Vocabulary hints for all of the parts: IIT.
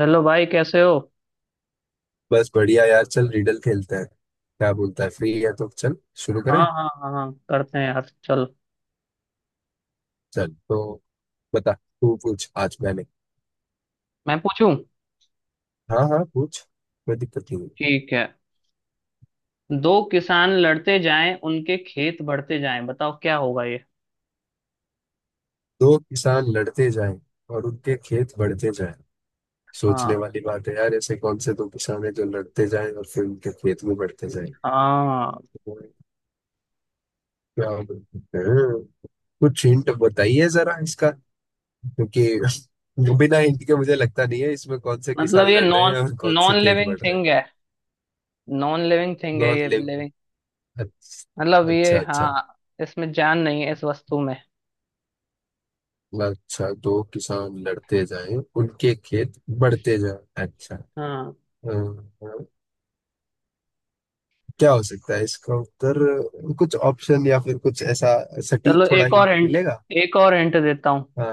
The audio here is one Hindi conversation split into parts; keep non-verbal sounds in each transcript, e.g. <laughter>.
हेलो भाई, कैसे हो? बस बढ़िया यार। चल रिडल खेलते हैं, क्या बोलता है? फ्री है तो चल शुरू हाँ करें। हाँ हाँ हाँ, करते हैं यार, चल। चल तो बता, तू पूछ आज। मैंने? मैं पूछूं? हाँ हाँ, पूछ, कोई दिक्कत नहीं है। ठीक है। दो किसान लड़ते जाएं, उनके खेत बढ़ते जाएं, बताओ क्या होगा ये? दो किसान लड़ते जाएं और उनके खेत बढ़ते जाएं। हाँ। सोचने वाली बात है यार, ऐसे कौन से दो किसान हैं जो लड़ते जाएं और फिर उनके खेत भी बढ़ते जाएं? हाँ। क्या बोल सकते हैं? कुछ हिंट बताइए जरा इसका, क्योंकि <laughs> बिना हिंट के मुझे लगता नहीं है इसमें कौन से किसान मतलब ये लड़ रहे हैं नॉन और कौन से नॉन खेत लिविंग बढ़ रहे हैं। थिंग है। नॉन लिविंग थिंग है, नॉन ये लिविंग। लिविंग? मतलब अच्छा ये, अच्छा अच्छा। हाँ, इसमें जान नहीं है इस वस्तु में। अच्छा, दो किसान लड़ते जाएं उनके खेत बढ़ते जाएं, अच्छा। हाँ। हाँ, हाँ। क्या हो सकता है इसका उत्तर? कुछ ऑप्शन या फिर कुछ ऐसा सटीक चलो थोड़ा एक और हिंट हिंट, मिलेगा। एक और हिंट देता हूँ। हाँ,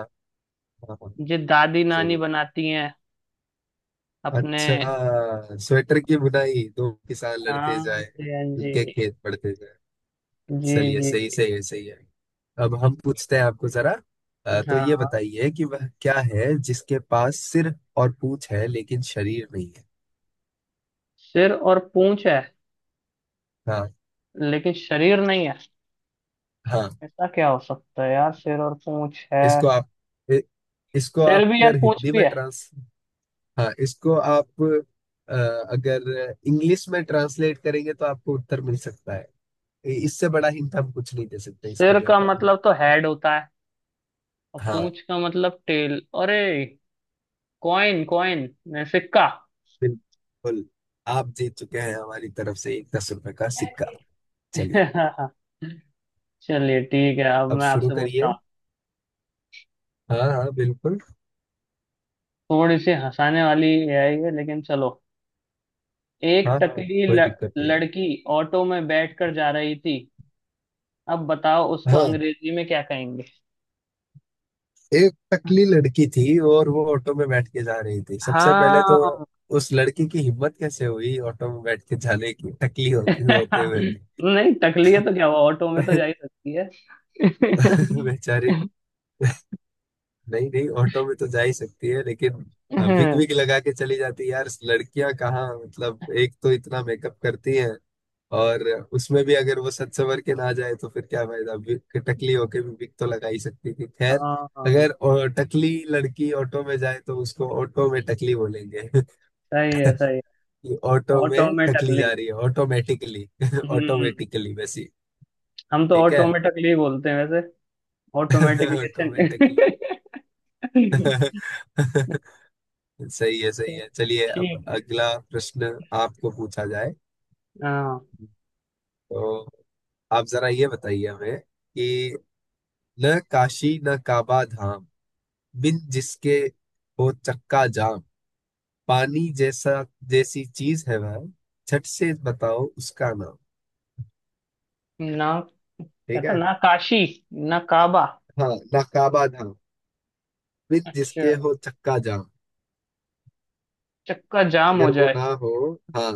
हाँ हाँ, ये दादी नानी जरूर। बनाती हैं अपने। अच्छा, स्वेटर की बुनाई। दो किसान लड़ते हाँ जाएं, जी, हाँ उनके जी। खेत बढ़ते जाएं। जी चलिए, जी। सही सही है। सही है। अब हम पूछते हैं आपको जरा। तो ये हाँ, बताइए कि वह क्या है जिसके पास सिर और पूंछ है लेकिन शरीर नहीं। सिर और पूंछ है हाँ। लेकिन शरीर नहीं है। हाँ, ऐसा क्या हो सकता है यार, सिर और पूंछ है? इसको आप इ, इसको सिर आप भी यार अगर पूंछ हिंदी भी में है। ट्रांस हाँ, इसको आप अगर इंग्लिश में ट्रांसलेट करेंगे तो आपको उत्तर मिल सकता है। इससे बड़ा हिंट हम कुछ नहीं दे सकते इसके सिर का व्यापार में। मतलब तो हेड होता है, और हाँ, पूंछ का मतलब टेल। अरे कॉइन कॉइन, सिक्का। बिल्कुल। आप जीत चुके हैं हमारी तरफ से एक 10 रुपए का सिक्का। चलिए, <laughs> चलिए ठीक है, अब अब मैं शुरू आपसे पूछता करिए। हूँ। हाँ हाँ, बिल्कुल। थोड़ी सी हंसाने वाली है ये, लेकिन चलो। एक हाँ हाँ, टकली कोई दिक्कत नहीं। लड़की ऑटो में बैठकर जा रही थी, अब बताओ उसको हाँ, अंग्रेजी में क्या कहेंगे? एक टकली लड़की थी और वो ऑटो में बैठ के जा रही थी। सबसे पहले तो हाँ। उस लड़की की हिम्मत कैसे हुई ऑटो में बैठ के जाने की, टकली हो, होते हुए भी। <laughs> नहीं, टकली है तो क्या हुआ, ऑटो में तो जा ही <laughs> सकती है। बेचारी। <laughs> नहीं नहीं, ऑटो में तो जा ही सकती है लेकिन विग, हाँ विग लगा के चली जाती। यार लड़कियां कहाँ, मतलब एक तो इतना मेकअप करती हैं, और उसमें भी अगर वो सच संवर के ना जाए तो फिर क्या फायदा। विग, टकली होके भी विग तो लगा ही सकती थी, खैर। हाँ, अगर टकली लड़की ऑटो में जाए तो उसको ऑटो में टकली बोलेंगे, सही है सही है। कि ऑटो ऑटो में में टकली टकली। जा रही है, ऑटोमेटिकली। <laughs> हम्म। ऑटोमेटिकली वैसी। हम तो ठीक ऑटो है। में टकली ही बोलते हैं वैसे। <laughs> ऑटोमेटिकली, अच्छा नहीं। ऑटोमेटिकली। <laughs> सही है, सही <laughs> है। चलिए, अब ठीक है। अगला प्रश्न आपको पूछा जाए हाँ, तो आप जरा ये बताइए हमें कि न काशी न काबा धाम, बिन जिसके हो चक्का जाम, पानी जैसा जैसी चीज है वह, झट से बताओ उसका नाम। ना ठीक कहता है। ना काशी ना काबा। हाँ। न काबा धाम, बिन अच्छा, जिसके हो चक्का जाम, चक्का जाम हो अगर वो जाए। ना हो। हाँ।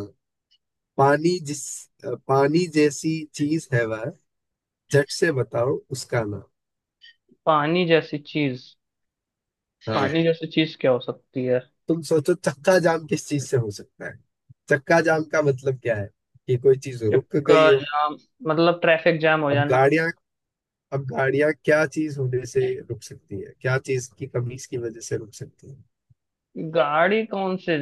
पानी जिस पानी जैसी चीज है वह, झट से बताओ उसका नाम। पानी जैसी चीज। हाँ। पानी जैसी चीज क्या हो सकती है? तुम सोचो चक्का जाम किस चीज से हो सकता है। चक्का जाम का मतलब क्या है? कि कोई चीज रुक चक्का गई हो। जाम मतलब ट्रैफिक जाम हो अब जाना। गाड़ियां, अब गाड़ियां क्या चीज होने से रुक सकती है, क्या चीज की कमी की वजह से रुक सकती है? गाड़ी कौन से,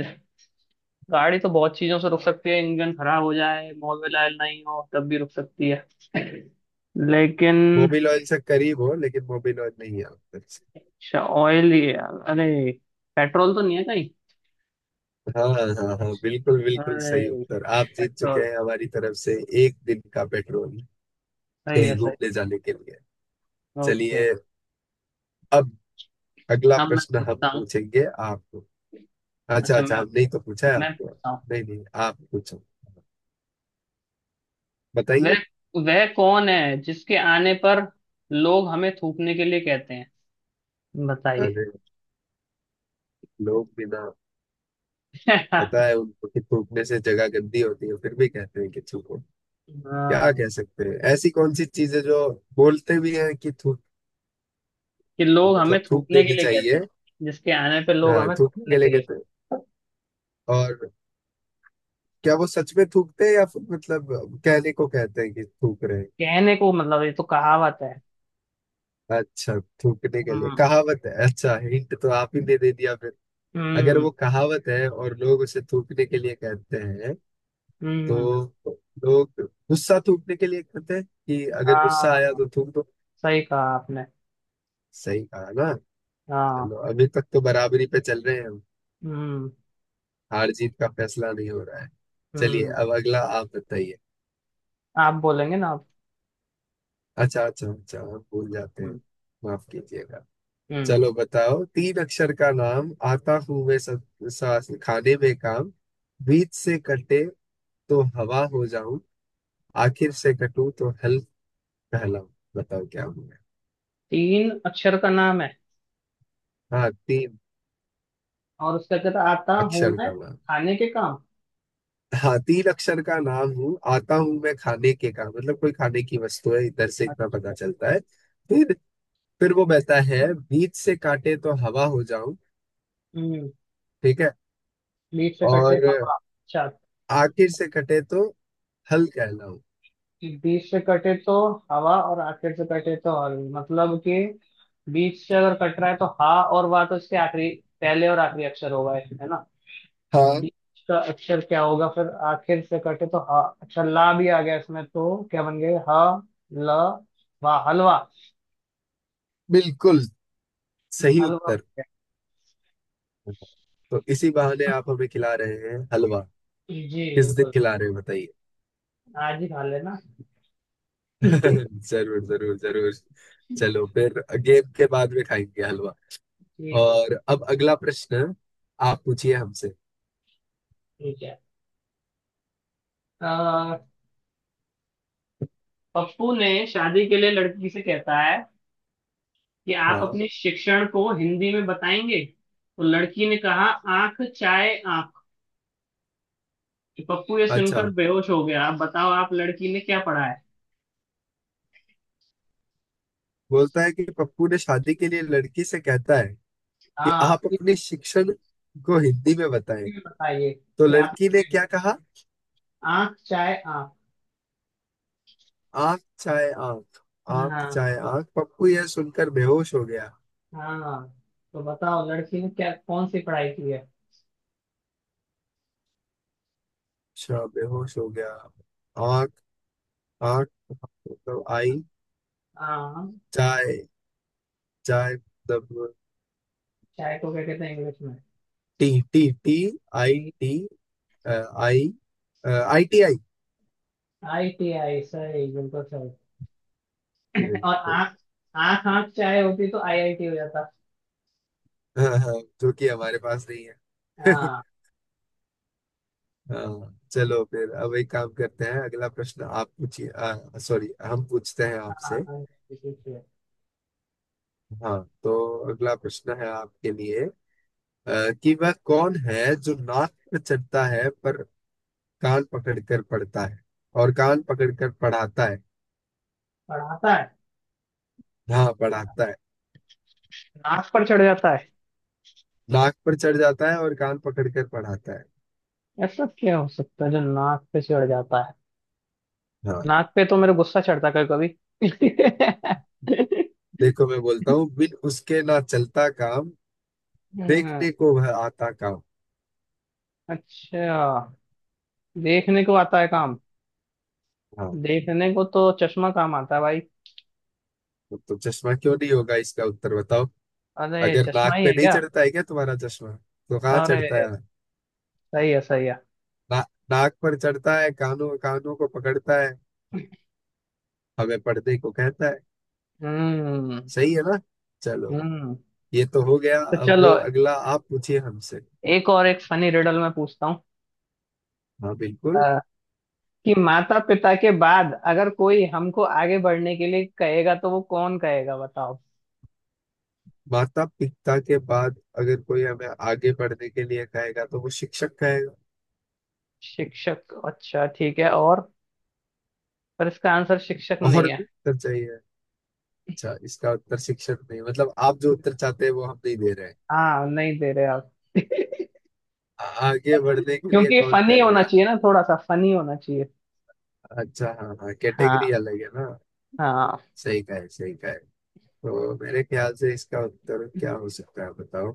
गाड़ी तो बहुत चीजों से रुक सकती है, इंजन खराब हो जाए, मोबिल ऑयल नहीं हो तब भी रुक सकती है। लेकिन मोबिल ऑयल से करीब हो लेकिन मोबिल ऑयल नहीं है उत्तर से। अच्छा ऑयल ही है। अरे पेट्रोल तो नहीं है कहीं। हाँ हाँ हाँ, बिल्कुल बिल्कुल सही अरे उत्तर। आप जीत चुके पेट्रोल। हैं हमारी तरफ से एक दिन का पेट्रोल, सही है कहीं सही। घूमने जाने के लिए। ओके। चलिए, अब अगला अब मैं प्रश्न हम पूछता हूँ। पूछेंगे आपको। अच्छा अच्छा अच्छा, मैं हम नहीं तो पूछा है मैं आपको। पूछता हूँ। नहीं नहीं, आप पूछो, बताइए। वह वह कौन है जिसके आने पर लोग हमें थूकने के लिए कहते हैं, बताइए। अरे, लोग बिना <laughs> पता हाँ, है उनको कि थूकने से जगह गंदी होती है फिर भी कहते हैं कि थूको। क्या कह सकते हैं, ऐसी कौन सी चीजें जो बोलते भी हैं कि थूक, कि लोग हमें मतलब थूक थूकने के देनी लिए कहते चाहिए। हैं, जिसके आने पे लोग हाँ, हमें थूकने थूकने के लिए के लिए। कहते हैं, और क्या वो सच में थूकते हैं या फिर मतलब कहने को कहते हैं कि थूक रहे हैं। कहने को मतलब ये तो कहावत है। अच्छा, थूकने के लिए हम्म। कहावत है, अच्छा, हिंट तो आप ही ने दे दिया फिर। अगर वो हम्म। कहावत है और लोग उसे थूकने के लिए कहते हैं, हम्म। तो लोग गुस्सा थूकने के लिए कहते हैं कि अगर गुस्सा आया हाँ तो थूक दो। सही कहा आपने। सही कहा ना। हाँ। चलो अभी तक तो बराबरी पे चल रहे हैं हम, हम्म हार जीत का फैसला नहीं हो रहा है। चलिए, हम्म अब अगला आप बताइए। आप बोलेंगे ना आप। अच्छा अच्छा अच्छा, हम भूल जाते हम्म। हैं, माफ कीजिएगा। हम्म। चलो बताओ, तीन अक्षर का नाम, आता हूं मैं सब सांस खाने में काम, बीच से कटे तो हवा हो जाऊं, आखिर से कटूं तो हल कहलाऊं, बताओ क्या हूं मैं। तीन अक्षर का नाम है हाँ, तीन और उसका कहता आता हूँ अक्षर मैं का नाम। खाने के काम। हाँ, तीन अक्षर का नाम हूँ, आता हूँ मैं खाने के काम, मतलब कोई खाने की वस्तु है, इधर से इतना पता अच्छा। चलता है। फिर, वो बहता है, बीच से काटे तो हवा हो जाऊं। हम्म। ठीक है। बीच से कटे और हवा, अच्छा। आखिर से कटे तो हल कहलाऊं। बीच से कटे तो हवा, और आखिर से कटे तो हवा मतलब कि बीच से अगर कट रहा है तो हा और वाह, तो इसके आखिरी, पहले और आखिरी अक्षर होगा इसमें, है ना? हाँ, डी का अक्षर क्या होगा फिर? आखिर से कटे तो हा, अच्छा ला भी आ गया इसमें, तो क्या बन गए, ह, ल, वा, हलवा। बिल्कुल सही हलवा हो उत्तर। गया। तो इसी बहाने आप हमें खिला रहे हैं हलवा। जी किस दिन बिल्कुल, खिला रहे हैं बताइए। आज ही खा लेना। <laughs> <laughs> जरूर जरूर जरूर। चलो फिर, गेम के बाद में खाएंगे हलवा। ठीक है। और अब अगला प्रश्न आप पूछिए हमसे। ठीक है। अह, पप्पू ने शादी के लिए लड़की से कहता है कि आप हाँ। अपने शिक्षण को हिंदी में बताएंगे, तो लड़की ने कहा, आंख चाहे आंख। पप्पू ये अच्छा, सुनकर बेहोश हो गया। अब बताओ आप लड़की ने क्या पढ़ा है? बोलता है कि पप्पू ने शादी के लिए लड़की से कहता है कि हाँ आप इस, अपने शिक्षण को हिंदी में बताएं, हिंदी में बताइए तो कि आप। लड़की ने क्या कहा? आंख चाहे आंख। आंख चाहे आंख। आंख हाँ। चाहे आंख, पप्पू यह सुनकर बेहोश हो गया। हाँ तो बताओ लड़की ने क्या कौन सी पढ़ाई की है? अच्छा, बेहोश हो गया। आंख, आठ मतलब आई। हाँ चाय, चाय मतलब चाय को क्या कहते हैं इंग्लिश में? T. T T. I T. T uh, I. ITI। I T I, सही बिल्कुल सही। <laughs> और बिल्कुल। आंख। आंख आंख चाय होती तो आई आई टी हो जाता। <laughs> हाँ हाँ, जो कि हमारे पास नहीं है। हाँ। <laughs> हाँ, चलो फिर अब एक काम करते हैं, अगला प्रश्न आप पूछिए, सॉरी, हम पूछते हैं आपसे। IIT, हाँ, तो अगला प्रश्न है आपके लिए। कि वह कौन है जो नाक पर चढ़ता है पर कान पकड़ कर पढ़ता है और कान पकड़ कर पढ़ाता है। पढ़ाता है। हाँ, पढ़ाता है, नाक पर चढ़ जाता है? नाक पर चढ़ जाता है और कान पकड़ कर पढ़ाता है। ऐसा क्या हो सकता है जो नाक पे चढ़ जाता है? हाँ, नाक पे तो मेरा गुस्सा चढ़ता है कभी कभी। <laughs> देखो मैं बोलता हूँ बिन उसके ना चलता काम, हम्म, देखने को वह आता काम। अच्छा देखने को आता है काम। हाँ। देखने को तो चश्मा काम आता है भाई। तो चश्मा क्यों नहीं होगा इसका उत्तर बताओ। अरे अगर चश्मा नाक ही पे है नहीं क्या? चढ़ता है क्या तुम्हारा चश्मा तो कहाँ अरे चढ़ता है। सही है सही है। ना, नाक पर चढ़ता है, कानों कानों को पकड़ता है, हमें पढ़ने को कहता है। हम्म। सही है ना। चलो, हम्म ये तो हो गया। तो अब चलो। अगला आप पूछिए हमसे। एक और, एक फनी रिडल मैं पूछता हूँ। हाँ बिल्कुल। अ, कि माता पिता के बाद अगर कोई हमको आगे बढ़ने के लिए कहेगा तो वो कौन कहेगा बताओ। माता पिता के बाद अगर कोई हमें आगे बढ़ने के लिए कहेगा तो वो शिक्षक कहेगा। शिक्षक? अच्छा ठीक है, और पर इसका आंसर शिक्षक और नहीं भी है। उत्तर चाहिए। अच्छा, इसका उत्तर शिक्षक नहीं, मतलब आप जो उत्तर चाहते हैं वो हम नहीं दे रहे हैं। हाँ नहीं दे रहे आप। <laughs> आगे बढ़ने के लिए क्योंकि कौन फनी होना कहेगा। चाहिए ना, थोड़ा सा फनी होना चाहिए। अच्छा हाँ हाँ, कैटेगरी हाँ। अलग है ना। हाँ सही कहे, सही कहे। तो मेरे ख्याल से इसका उत्तर क्या हो सकता है बताओ।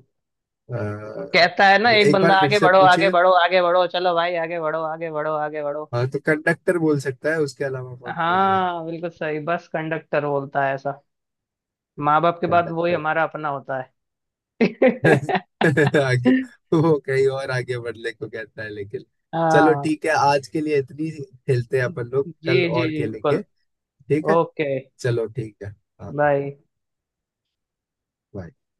अ, कहता है ना, एक एक बंदा बार फिर आगे से बढ़ो आगे पूछिए। बढ़ो आगे बढ़ो, चलो भाई आगे बढ़ो आगे बढ़ो आगे बढ़ो। हाँ, तो कंडक्टर बोल सकता है, उसके अलावा कौन नहीं बोलेगा? हाँ बिल्कुल सही, बस कंडक्टर बोलता है ऐसा। माँ बाप के बाद वही कंडक्टर। हमारा अपना होता है। <laughs> <laughs> आगे। वो कहीं और आगे बढ़ने को कहता है लेकिन, चलो हाँ ठीक है, आज के लिए इतनी ही खेलते हैं जी अपन लोग, कल जी और जी बिल्कुल। खेलेंगे। ठीक है। ओके। चलो ठीक है। हाँ। बाय। bye।